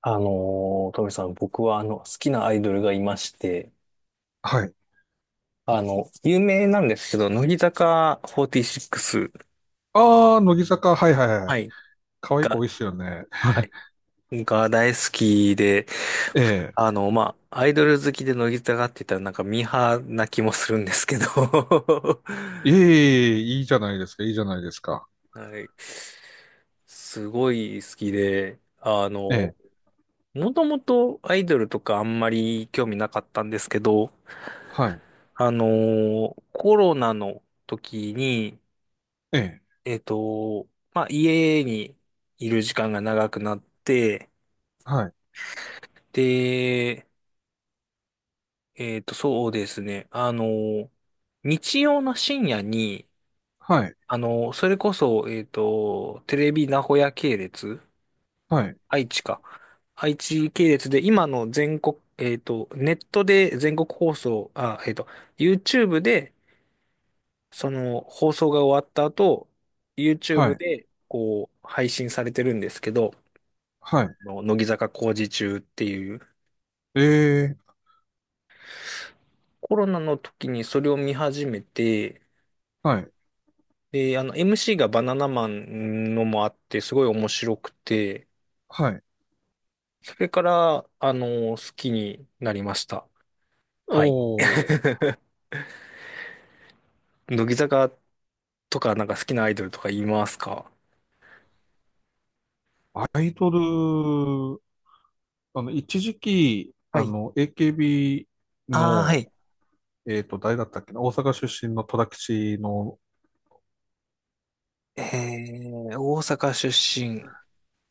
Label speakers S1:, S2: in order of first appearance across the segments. S1: あのトミさん、僕は好きなアイドルがいまして、
S2: はい。
S1: 有名なんですけど、乃木坂46、
S2: ああ、乃木坂、はいはいは
S1: は
S2: い。
S1: い、
S2: 可愛い子
S1: が、
S2: 多いっすよね。
S1: はい、が大好きで、
S2: ええ。
S1: アイドル好きで乃木坂って言ったらなんかミーハーな気もするんですけど、
S2: いえいえ、いいじゃないですか、いいじゃないですか。
S1: はい、すごい好きで、
S2: ええ、
S1: もともとアイドルとかあんまり興味なかったんですけど、
S2: はい、
S1: コロナの時に、
S2: ええ、
S1: えっと、家にいる時間が長くなって、
S2: はい、
S1: で、そうですね。日曜の深夜に、
S2: はい、
S1: それこそ、テレビ名古屋系列、
S2: はい、
S1: 愛知か。愛知系列で、今の全国、ネットで全国放送、YouTube で、放送が終わった後、
S2: は
S1: YouTube
S2: い、
S1: で、配信されてるんですけど、
S2: はい、
S1: の乃木坂工事中っていう
S2: ええ、
S1: コロナの時にそれを見始めて、
S2: はい、
S1: で、MC がバナナマンのもあってすごい面白くて、
S2: はい。
S1: それから好きになりました。はい。
S2: おー、
S1: 乃木坂とかなんか好きなアイドルとか言いますか？
S2: アイドル、あの、一時期、
S1: は
S2: あ
S1: い。
S2: の、AKB
S1: ああ、はい。
S2: の、誰だったっけな、大阪出身の戸田吉の、
S1: え大阪出身、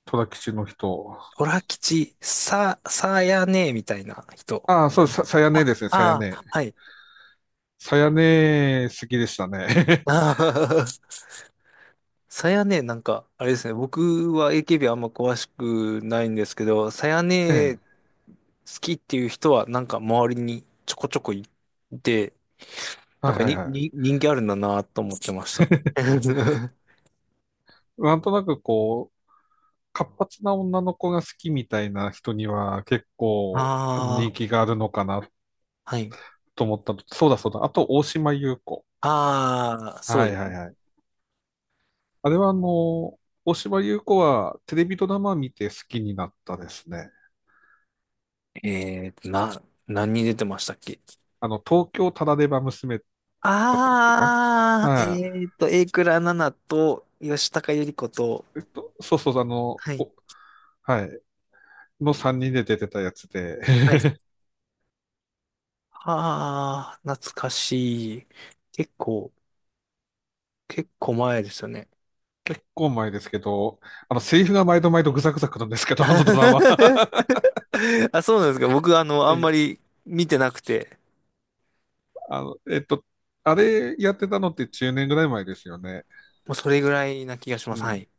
S2: 戸田吉の人。
S1: オラ吉、さやねみたいな人。
S2: ああ、そう、さやね
S1: あ、
S2: ですね、さや
S1: あ
S2: ね。
S1: あ、はい。
S2: さやね、好きでしたね。
S1: さやね、なんか、あれですね、僕は AKB あんま詳しくないんですけど、さや
S2: え
S1: ね
S2: え。
S1: 好きっていう人はなんか周りにちょこちょこいて、な
S2: は
S1: ん
S2: い
S1: か
S2: はい
S1: に、
S2: はい。
S1: に、人気あるんだなと思ってました。
S2: なんとなくこう、活発な女の子が好きみたいな人には結構
S1: あ
S2: 人
S1: あ、
S2: 気があるのかな
S1: はい。
S2: と思ったのと、そうだそうだ。あと、大島優子。
S1: ああ、そ
S2: は
S1: う
S2: い
S1: です
S2: はい
S1: ね。
S2: はい。あれはあの、大島優子はテレビドラマ見て好きになったですね。
S1: 何に出てましたっけ？
S2: あの、東京タラレバ娘だったっけな。は
S1: 榮倉奈々と吉高由里子と、
S2: い。そうそう、あの、
S1: はい、
S2: おはい。の3人で出てたやつで、
S1: はい。ああ、懐かしい。結構、結構前ですよね。
S2: 結構前ですけど、あの、セリフが毎度毎度ぐざぐざくるんですけど、あのドラマ。
S1: あ、そうなんですか。僕、あん
S2: え
S1: ま
S2: え、
S1: り見てなくて、
S2: あの、あれやってたのって10年ぐらい前ですよね。
S1: もうそれぐらいな気がし
S2: う
S1: ます。は
S2: ん。
S1: い。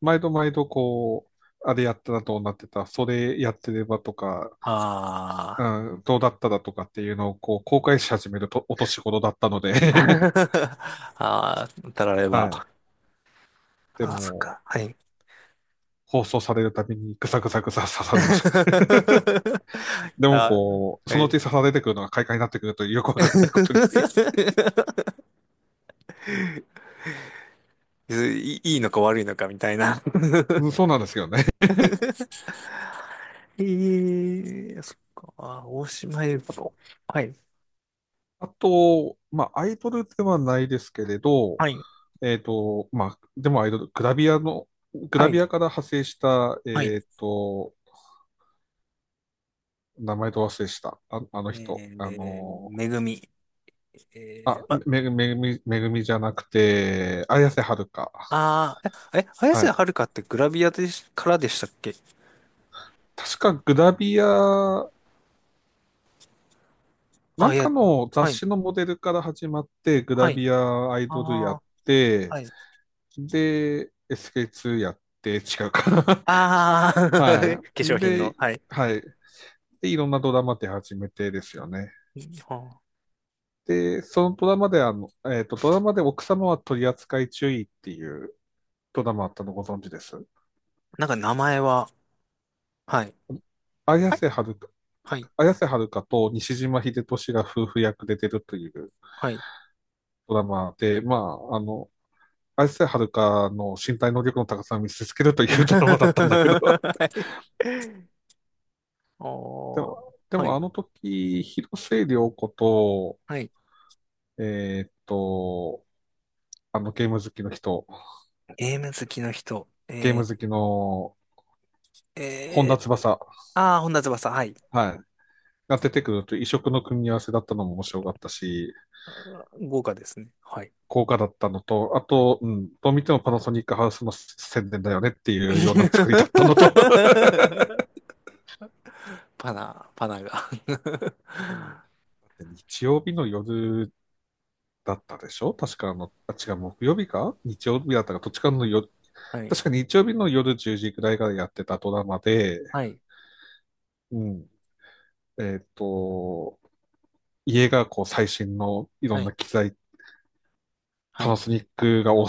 S2: 毎度毎度こう、あれやったらどうなってた、それやってればとか、
S1: あ
S2: うん、どうだったらとかっていうのをこう公開し始めるとお年頃だったので、
S1: あ。 ああ、たられ
S2: はい。
S1: ば。
S2: で
S1: あ、あそっ
S2: も、
S1: か。はい。
S2: 放送されるたびにぐさぐさぐさ刺されます。でも
S1: あ、
S2: こう、
S1: は
S2: そのうち
S1: い。
S2: 刺されてくるのが快感になってくるというよくわかんないことに。
S1: いいいのか悪いのかみたいな。
S2: うん、そうなんですよね。
S1: ええ、そっか。あ、大島優子。はい。
S2: あと、まあ、アイドルではないですけれど、
S1: はい。
S2: まあ、でもアイドル、グラビアの、グ
S1: は
S2: ラ
S1: い。
S2: ビアから派生した、
S1: はい。
S2: 名前と忘れした、あ、あ
S1: え
S2: の人、あの
S1: めぐみ。えー、
S2: あ、
S1: ま、
S2: めぐみ、めぐみじゃなくて、綾瀬はるか。
S1: あー、綾
S2: は
S1: 瀬
S2: い。
S1: はるかってグラビアでし、からでしたっけ？
S2: 確かグラビア、な
S1: あ、
S2: ん
S1: い
S2: か
S1: や、
S2: の雑
S1: はい、
S2: 誌のモデルから始まって、グ
S1: は
S2: ラ
S1: い、
S2: ビアアイドルやっ
S1: ああ、
S2: て、
S1: はい。
S2: で、SK2 やって、違うかな。
S1: ああ。化
S2: は
S1: 粧
S2: い。
S1: 品
S2: で、
S1: の、はい。
S2: はい。で、いろんなドラマ出始めてですよね。
S1: あ、
S2: で、そのドラマであの、ドラマで奥様は取り扱い注意っていうドラマあったのご存知です？
S1: なんか名前は、はい、
S2: 綾瀬はるか、
S1: はい、
S2: 綾瀬はるかと西島秀俊が夫婦役で出るという
S1: はい。はい。
S2: ドラマで、まあ、あの、綾瀬はるかの身体能力の高さを見せつけるというドラマだったんだけど。で
S1: おー、
S2: も、
S1: はい、
S2: あの時、広末涼子と、
S1: はい。
S2: えーっと、あのゲーム好きの人、
S1: ゲーム好きの人。
S2: ゲーム好きの
S1: ー、
S2: 本田
S1: えー、
S2: 翼、
S1: 本田翼、はい。
S2: はい、が出てくると異色の組み合わせだったのも面白かったし、
S1: 豪華ですね。はい。
S2: 効果だったのと、あと、うん、どう見てもパナソニックハウスの宣伝だよねっていうような作りだったのと、
S1: パナが。
S2: 日曜日の夜だったでしょ、確かあの、あ、違う、木曜日か日曜日だったか、どっちかの夜、
S1: はい、
S2: 確か日曜日の夜10時くらいからやってたドラマで、
S1: はい、
S2: うん、えっ、と、家がこう最新のいろ
S1: は
S2: んな
S1: い、
S2: 機材、
S1: は
S2: パナ
S1: い、
S2: ソニックが推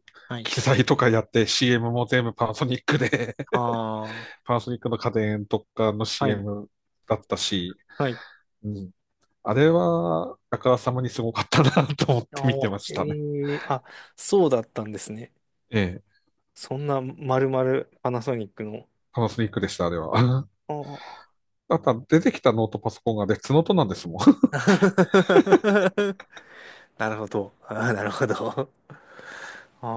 S2: す
S1: はい。
S2: 機材とかやって CM も全部パナソニックで
S1: ああ、
S2: パナソニックの家電とかの
S1: はい、
S2: CM だったし、
S1: はい。
S2: うん、あれは、あからさまにすごかったな、 と思っ
S1: あ
S2: て見て
S1: ー、
S2: ましたね。
S1: えー、あ、そうだったんですね。
S2: ええ、
S1: そんな、まるまるパナソニックの。
S2: パナソニックでした、あれは。
S1: ああ。
S2: あとは出てきたノートパソコンが別ノートなんですもん。
S1: なるほど。なるほど。あ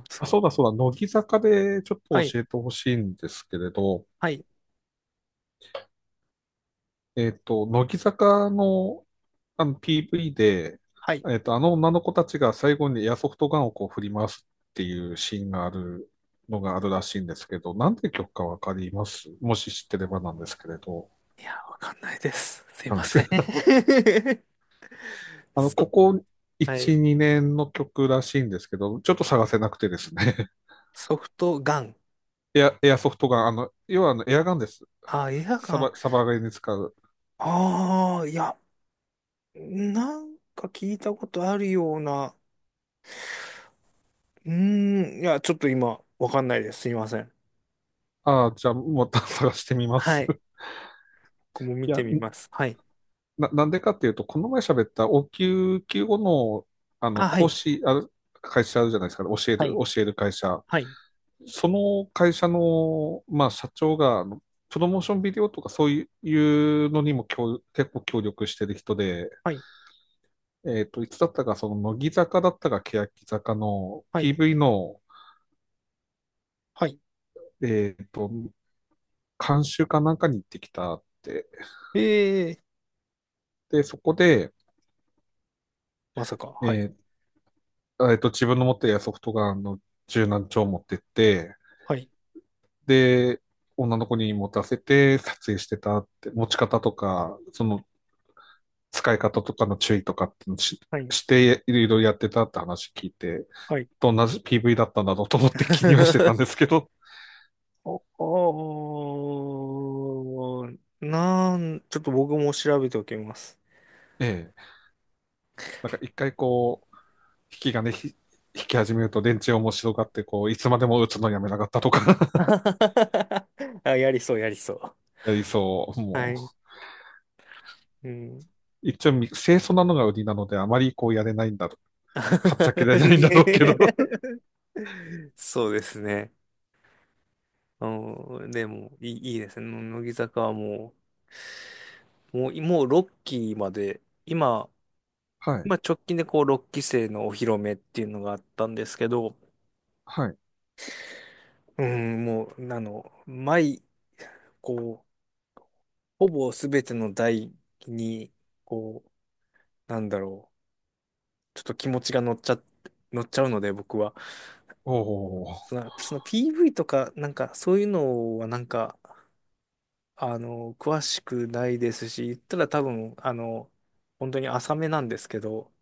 S1: あ、そ、
S2: あ、そうだそうだ、乃木坂でちょっと
S1: はい、
S2: 教えてほしいんですけれど、
S1: はい、
S2: 乃木坂の、あの PV で、
S1: はい。
S2: あの女の子たちが最後にエアソフトガンをこう振り回すっていうシーンがあるのがあるらしいんですけど、なんて曲かわかります？もし知ってればなんですけれど。
S1: いや、わかんないです。すい
S2: わかん
S1: ま
S2: ないで
S1: せん。
S2: す。 あの、こ
S1: そ、
S2: こ
S1: はい。
S2: 1、2年の曲らしいんですけど、ちょっと探せなくてですね。
S1: ソフトガン。
S2: エア、エアソフトガン、あの、要はあのエアガンです。
S1: あ、映画
S2: サ
S1: 館。
S2: バ、サバゲーに使う。
S1: ああ、いや、なんか聞いたことあるような。いや、ちょっと今、わかんないです。すいません。
S2: ああ、じゃあ、また 探してみま
S1: は
S2: す。
S1: い。僕も見
S2: い
S1: て
S2: や、
S1: みます。はい。
S2: なんでかっていうと、この前喋った応急救護の、あの、
S1: あ、は
S2: 講
S1: い。
S2: 師、ある、会社あるじゃないですか、教える、
S1: はい。
S2: 教える会社。
S1: はい。
S2: その会社の、まあ、社長が、あのプロモーションビデオとかそういうのにも協結構協力してる人で、
S1: はい。
S2: いつだったか、その、乃木坂だったか、欅坂の
S1: はい。
S2: PV の、
S1: はい。
S2: えっと、監修かなんかに行ってきたって。
S1: ええ、
S2: で、そこで、
S1: まさか。はい。
S2: え自分の持っているソフトガンの柔軟帳を持ってって、
S1: はい。
S2: で、女の子に持たせて撮影してたって、持ち方とか、その使い方とかの注意とかってのし、
S1: はい。
S2: していろいろやってたって話聞いて、
S1: はい。
S2: どんな PV だったんだろうと思って気にはしてたんで すけど、
S1: お、おー、なん、ちょっと僕も調べておきます。
S2: ええ、なんか一回こう、引きがね、引き始めると電池面白がって、こう、いつまでも打つのやめなかったとか。
S1: あ、やりそう、やりそう。
S2: やりそう。
S1: は
S2: も
S1: い。うん。
S2: う、一応、清楚なのが売りなので、あまりこうやれないんだろう。はっちゃけられないんだろうけど。
S1: そうですね。うん、でも、いいですね。乃木坂はもう6期まで、
S2: はい。
S1: 今直近でこう6期生のお披露目っていうのがあったんですけど、
S2: はい。
S1: うん、もう、あの、毎、こう、ほぼ全ての台に、こなんだろう、ちょっと気持ちが乗っちゃうので、僕は。
S2: おお
S1: その PV とか、なんか、そういうのは、なんか、詳しくないですし、言ったら多分、本当に浅めなんですけど、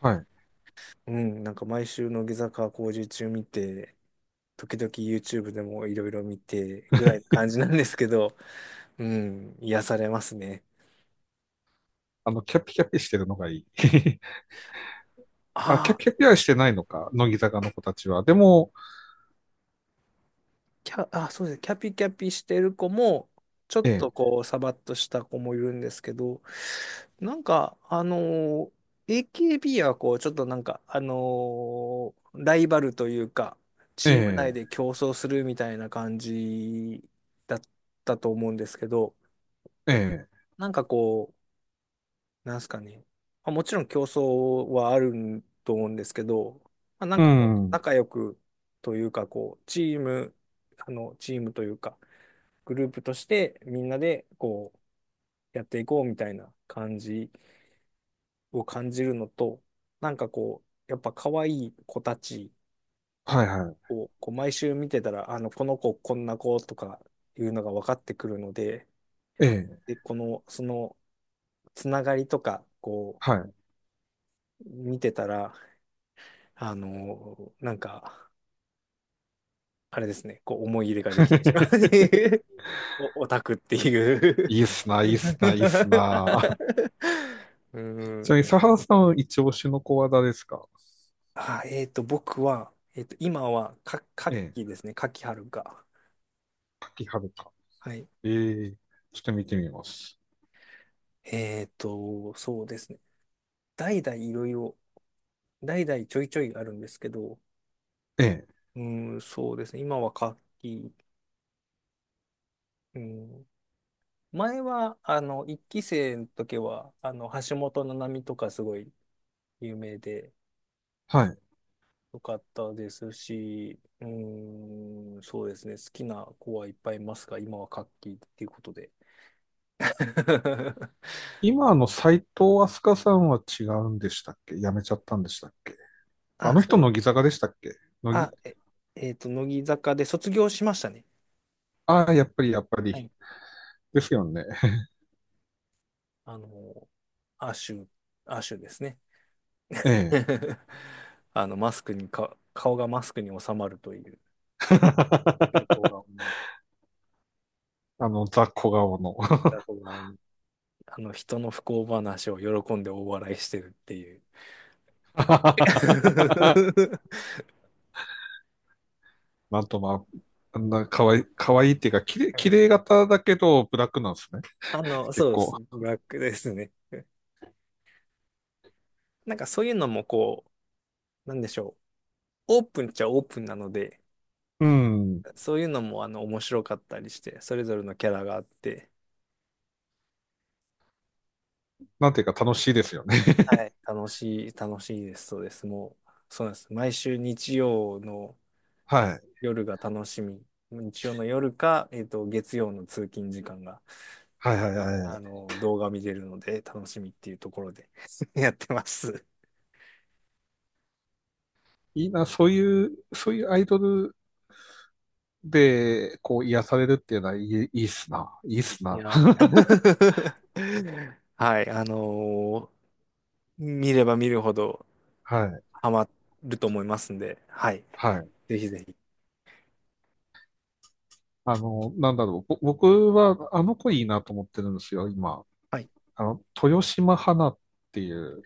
S2: はい。
S1: うん、なんか毎週の下坂工事中見て、時々 YouTube でもいろいろ見て、ぐらいの感じなんですけど、うん、癒されますね。
S2: あの、キャピキャピしてるのがいい。
S1: あ
S2: あ、キャ
S1: あ。
S2: ピキャピはしてないのか、乃木坂の子たちは。でも、
S1: あ、そうですね。キャピキャピしてる子も、ちょっ
S2: え
S1: と
S2: え、
S1: こう、サバッとした子もいるんですけど、なんか、AKB はこう、ちょっとなんか、ライバルというか、チーム
S2: え
S1: 内で競争するみたいな感じだったと思うんですけど、
S2: え、ええ、
S1: なんかこう、なんすかね。まあ、もちろん競争はあると思うんですけど、まあ、なん
S2: う
S1: かこう、
S2: ん、
S1: 仲良くというか、こう、チームというか、グループとしてみんなでこうやっていこうみたいな感じを感じるのと、なんかこう、やっぱ可愛い子たち
S2: はいは
S1: をこう毎週見てたら、この子こんな子とかいうのが分かってくるので、
S2: い、ええ、
S1: で、この、そのつながりとか、こ
S2: はい。
S1: う、見てたら、あの、なんか、あれですね、こう思い入れができてしまうっ ていう、 オタクっていう。
S2: いいっすな、いいっすな、いいっ すな。あ、
S1: う
S2: ちな
S1: ん、
S2: みに、佐原さん、一押しの子は誰ですか？
S1: あ、僕は、今は、
S2: え
S1: 夏
S2: え、
S1: 季ですね。夏季、春か。
S2: 柿原か。
S1: はい。
S2: ええ、ちょっと見てみます。
S1: そうですね。代々いろいろ、代々ちょいちょいあるんですけど、
S2: ええ、
S1: うん、そうですね。今は夏季、うん。前は、一期生の時は、橋本七海とかすごい有名で、
S2: はい。
S1: よかったですし、うん、そうですね。好きな子はいっぱいいますが、今は夏季っていうことで。
S2: 今の斎藤飛鳥さんは違うんでしたっけ？辞めちゃったんでしたっけ？あ
S1: あ、
S2: の
S1: そう
S2: 人、
S1: で
S2: 乃
S1: す。
S2: 木坂でしたっけ？乃
S1: あ、
S2: 木、
S1: 乃木坂で卒業しましたね。
S2: ああ、やっぱり、やっぱ
S1: は
S2: り。
S1: い。
S2: ですよね。
S1: あの、アシュ、アシュですね。
S2: ええ。
S1: マスクにか、顔がマスクに収まるという、横 顔に、
S2: あの、ザ・小顔の。
S1: 横顔に、人の不幸話を喜んで大笑いしてるっていう。
S2: なんとまあ、あんな可愛い、可愛いっていうか、綺麗、綺麗 型だけど、ブラックなんですね。
S1: そ
S2: 結
S1: うで
S2: 構。
S1: す。ブラックですね。なんかそういうのもこう、なんでしょう。オープンっちゃオープンなので、
S2: うん。
S1: そういうのも面白かったりして、それぞれのキャラがあって、
S2: なんていうか楽しいですよね。
S1: はい、楽しいです、そうです。もう、そうなんです。毎週日曜の
S2: はい。
S1: 夜が楽しみ。日曜の夜か、月曜の通勤時間が、
S2: はいはいは
S1: 動画見れるので楽しみっていうところで やってます。
S2: い。いいな、そういう、そういうアイドルで、こう、癒されるっていうのはいい、いいっすな。いいっす
S1: い
S2: な。
S1: や。はい、見れば見るほど
S2: はい。
S1: ハマると思いますんで、はい、
S2: はい。
S1: ぜひぜひ。
S2: あの、なんだろう。僕は、あの子いいなと思ってるんですよ、今。
S1: はい。
S2: あの、豊島花っていう、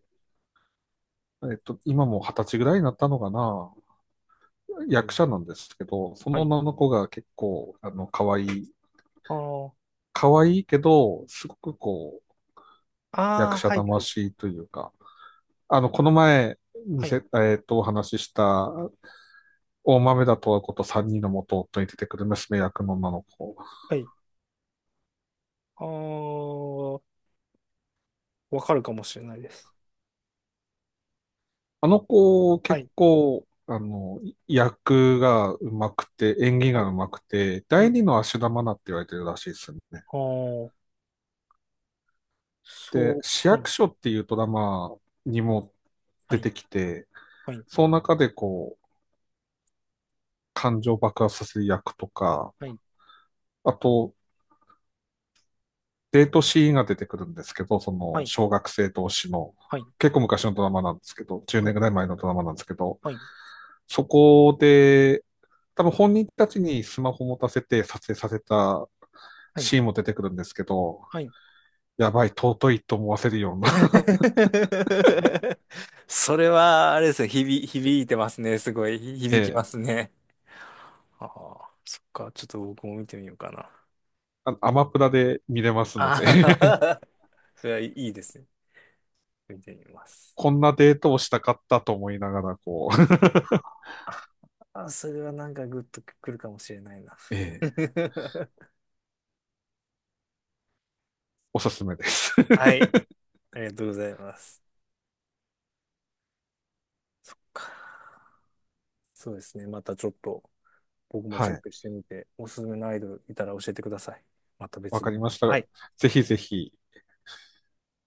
S2: 今も二十歳ぐらいになったのかな、
S1: うん、
S2: 役者なんですけど、そ
S1: は
S2: の
S1: い。
S2: 女の子が結構、あの、可愛い、
S1: あー
S2: 可愛いけど、すごくこう、役
S1: あー、
S2: 者
S1: はい、はい、
S2: 魂というか、あの、この前、見
S1: は
S2: せ、
S1: い、
S2: えっと、お話しした、大豆田と和子と三人の元夫に出てくる娘役の女の子。
S1: はい。あーわかるかもしれないです。
S2: あの子、
S1: は
S2: 結
S1: い。
S2: 構、あの、役が上手くて、演技
S1: は
S2: が
S1: い。
S2: 上手くて、
S1: う
S2: 第
S1: ん。
S2: 二の足玉なって言われてるらしいですね。
S1: ああ、
S2: で、
S1: そう。
S2: 市
S1: は
S2: 役
S1: い。
S2: 所っていうドラマにも
S1: は
S2: 出
S1: い。
S2: てきて、
S1: はい。
S2: その中でこう、感情爆発させる役とか、あと、デートシーンが出てくるんですけど、そ
S1: は
S2: の、
S1: い。
S2: 小学生同士の、
S1: はい。
S2: 結構昔のドラマなんですけど、10年ぐらい前のドラマなんですけど、
S1: はい。はい。
S2: そこで、多分本人たちにスマホ持たせて撮影させた
S1: はい。
S2: シーンも出てくるんですけど、
S1: はい。
S2: やばい、尊いと思わせるような。
S1: それは、あれですね、響いて ますね。すごい、
S2: え
S1: 響きま
S2: え、
S1: すね。ああ、そっか。ちょっと僕も見てみようかな。
S2: あのアマプラで見れますの
S1: あ
S2: で。
S1: あ。それはいいですね。見てみます。
S2: こんなデートをしたかったと思いながら、こう、
S1: ああ、それはなんかグッとくるかもしれないな。
S2: えー。 おすすめです。
S1: はい。ありがとうございます。そうですね。またちょっと僕も
S2: は
S1: チェッ
S2: い。
S1: クしてみて、おすすめのアイドルいたら教えてください。また
S2: わ
S1: 別
S2: か
S1: で。
S2: りまし
S1: は
S2: た。
S1: い。
S2: ぜひぜひ、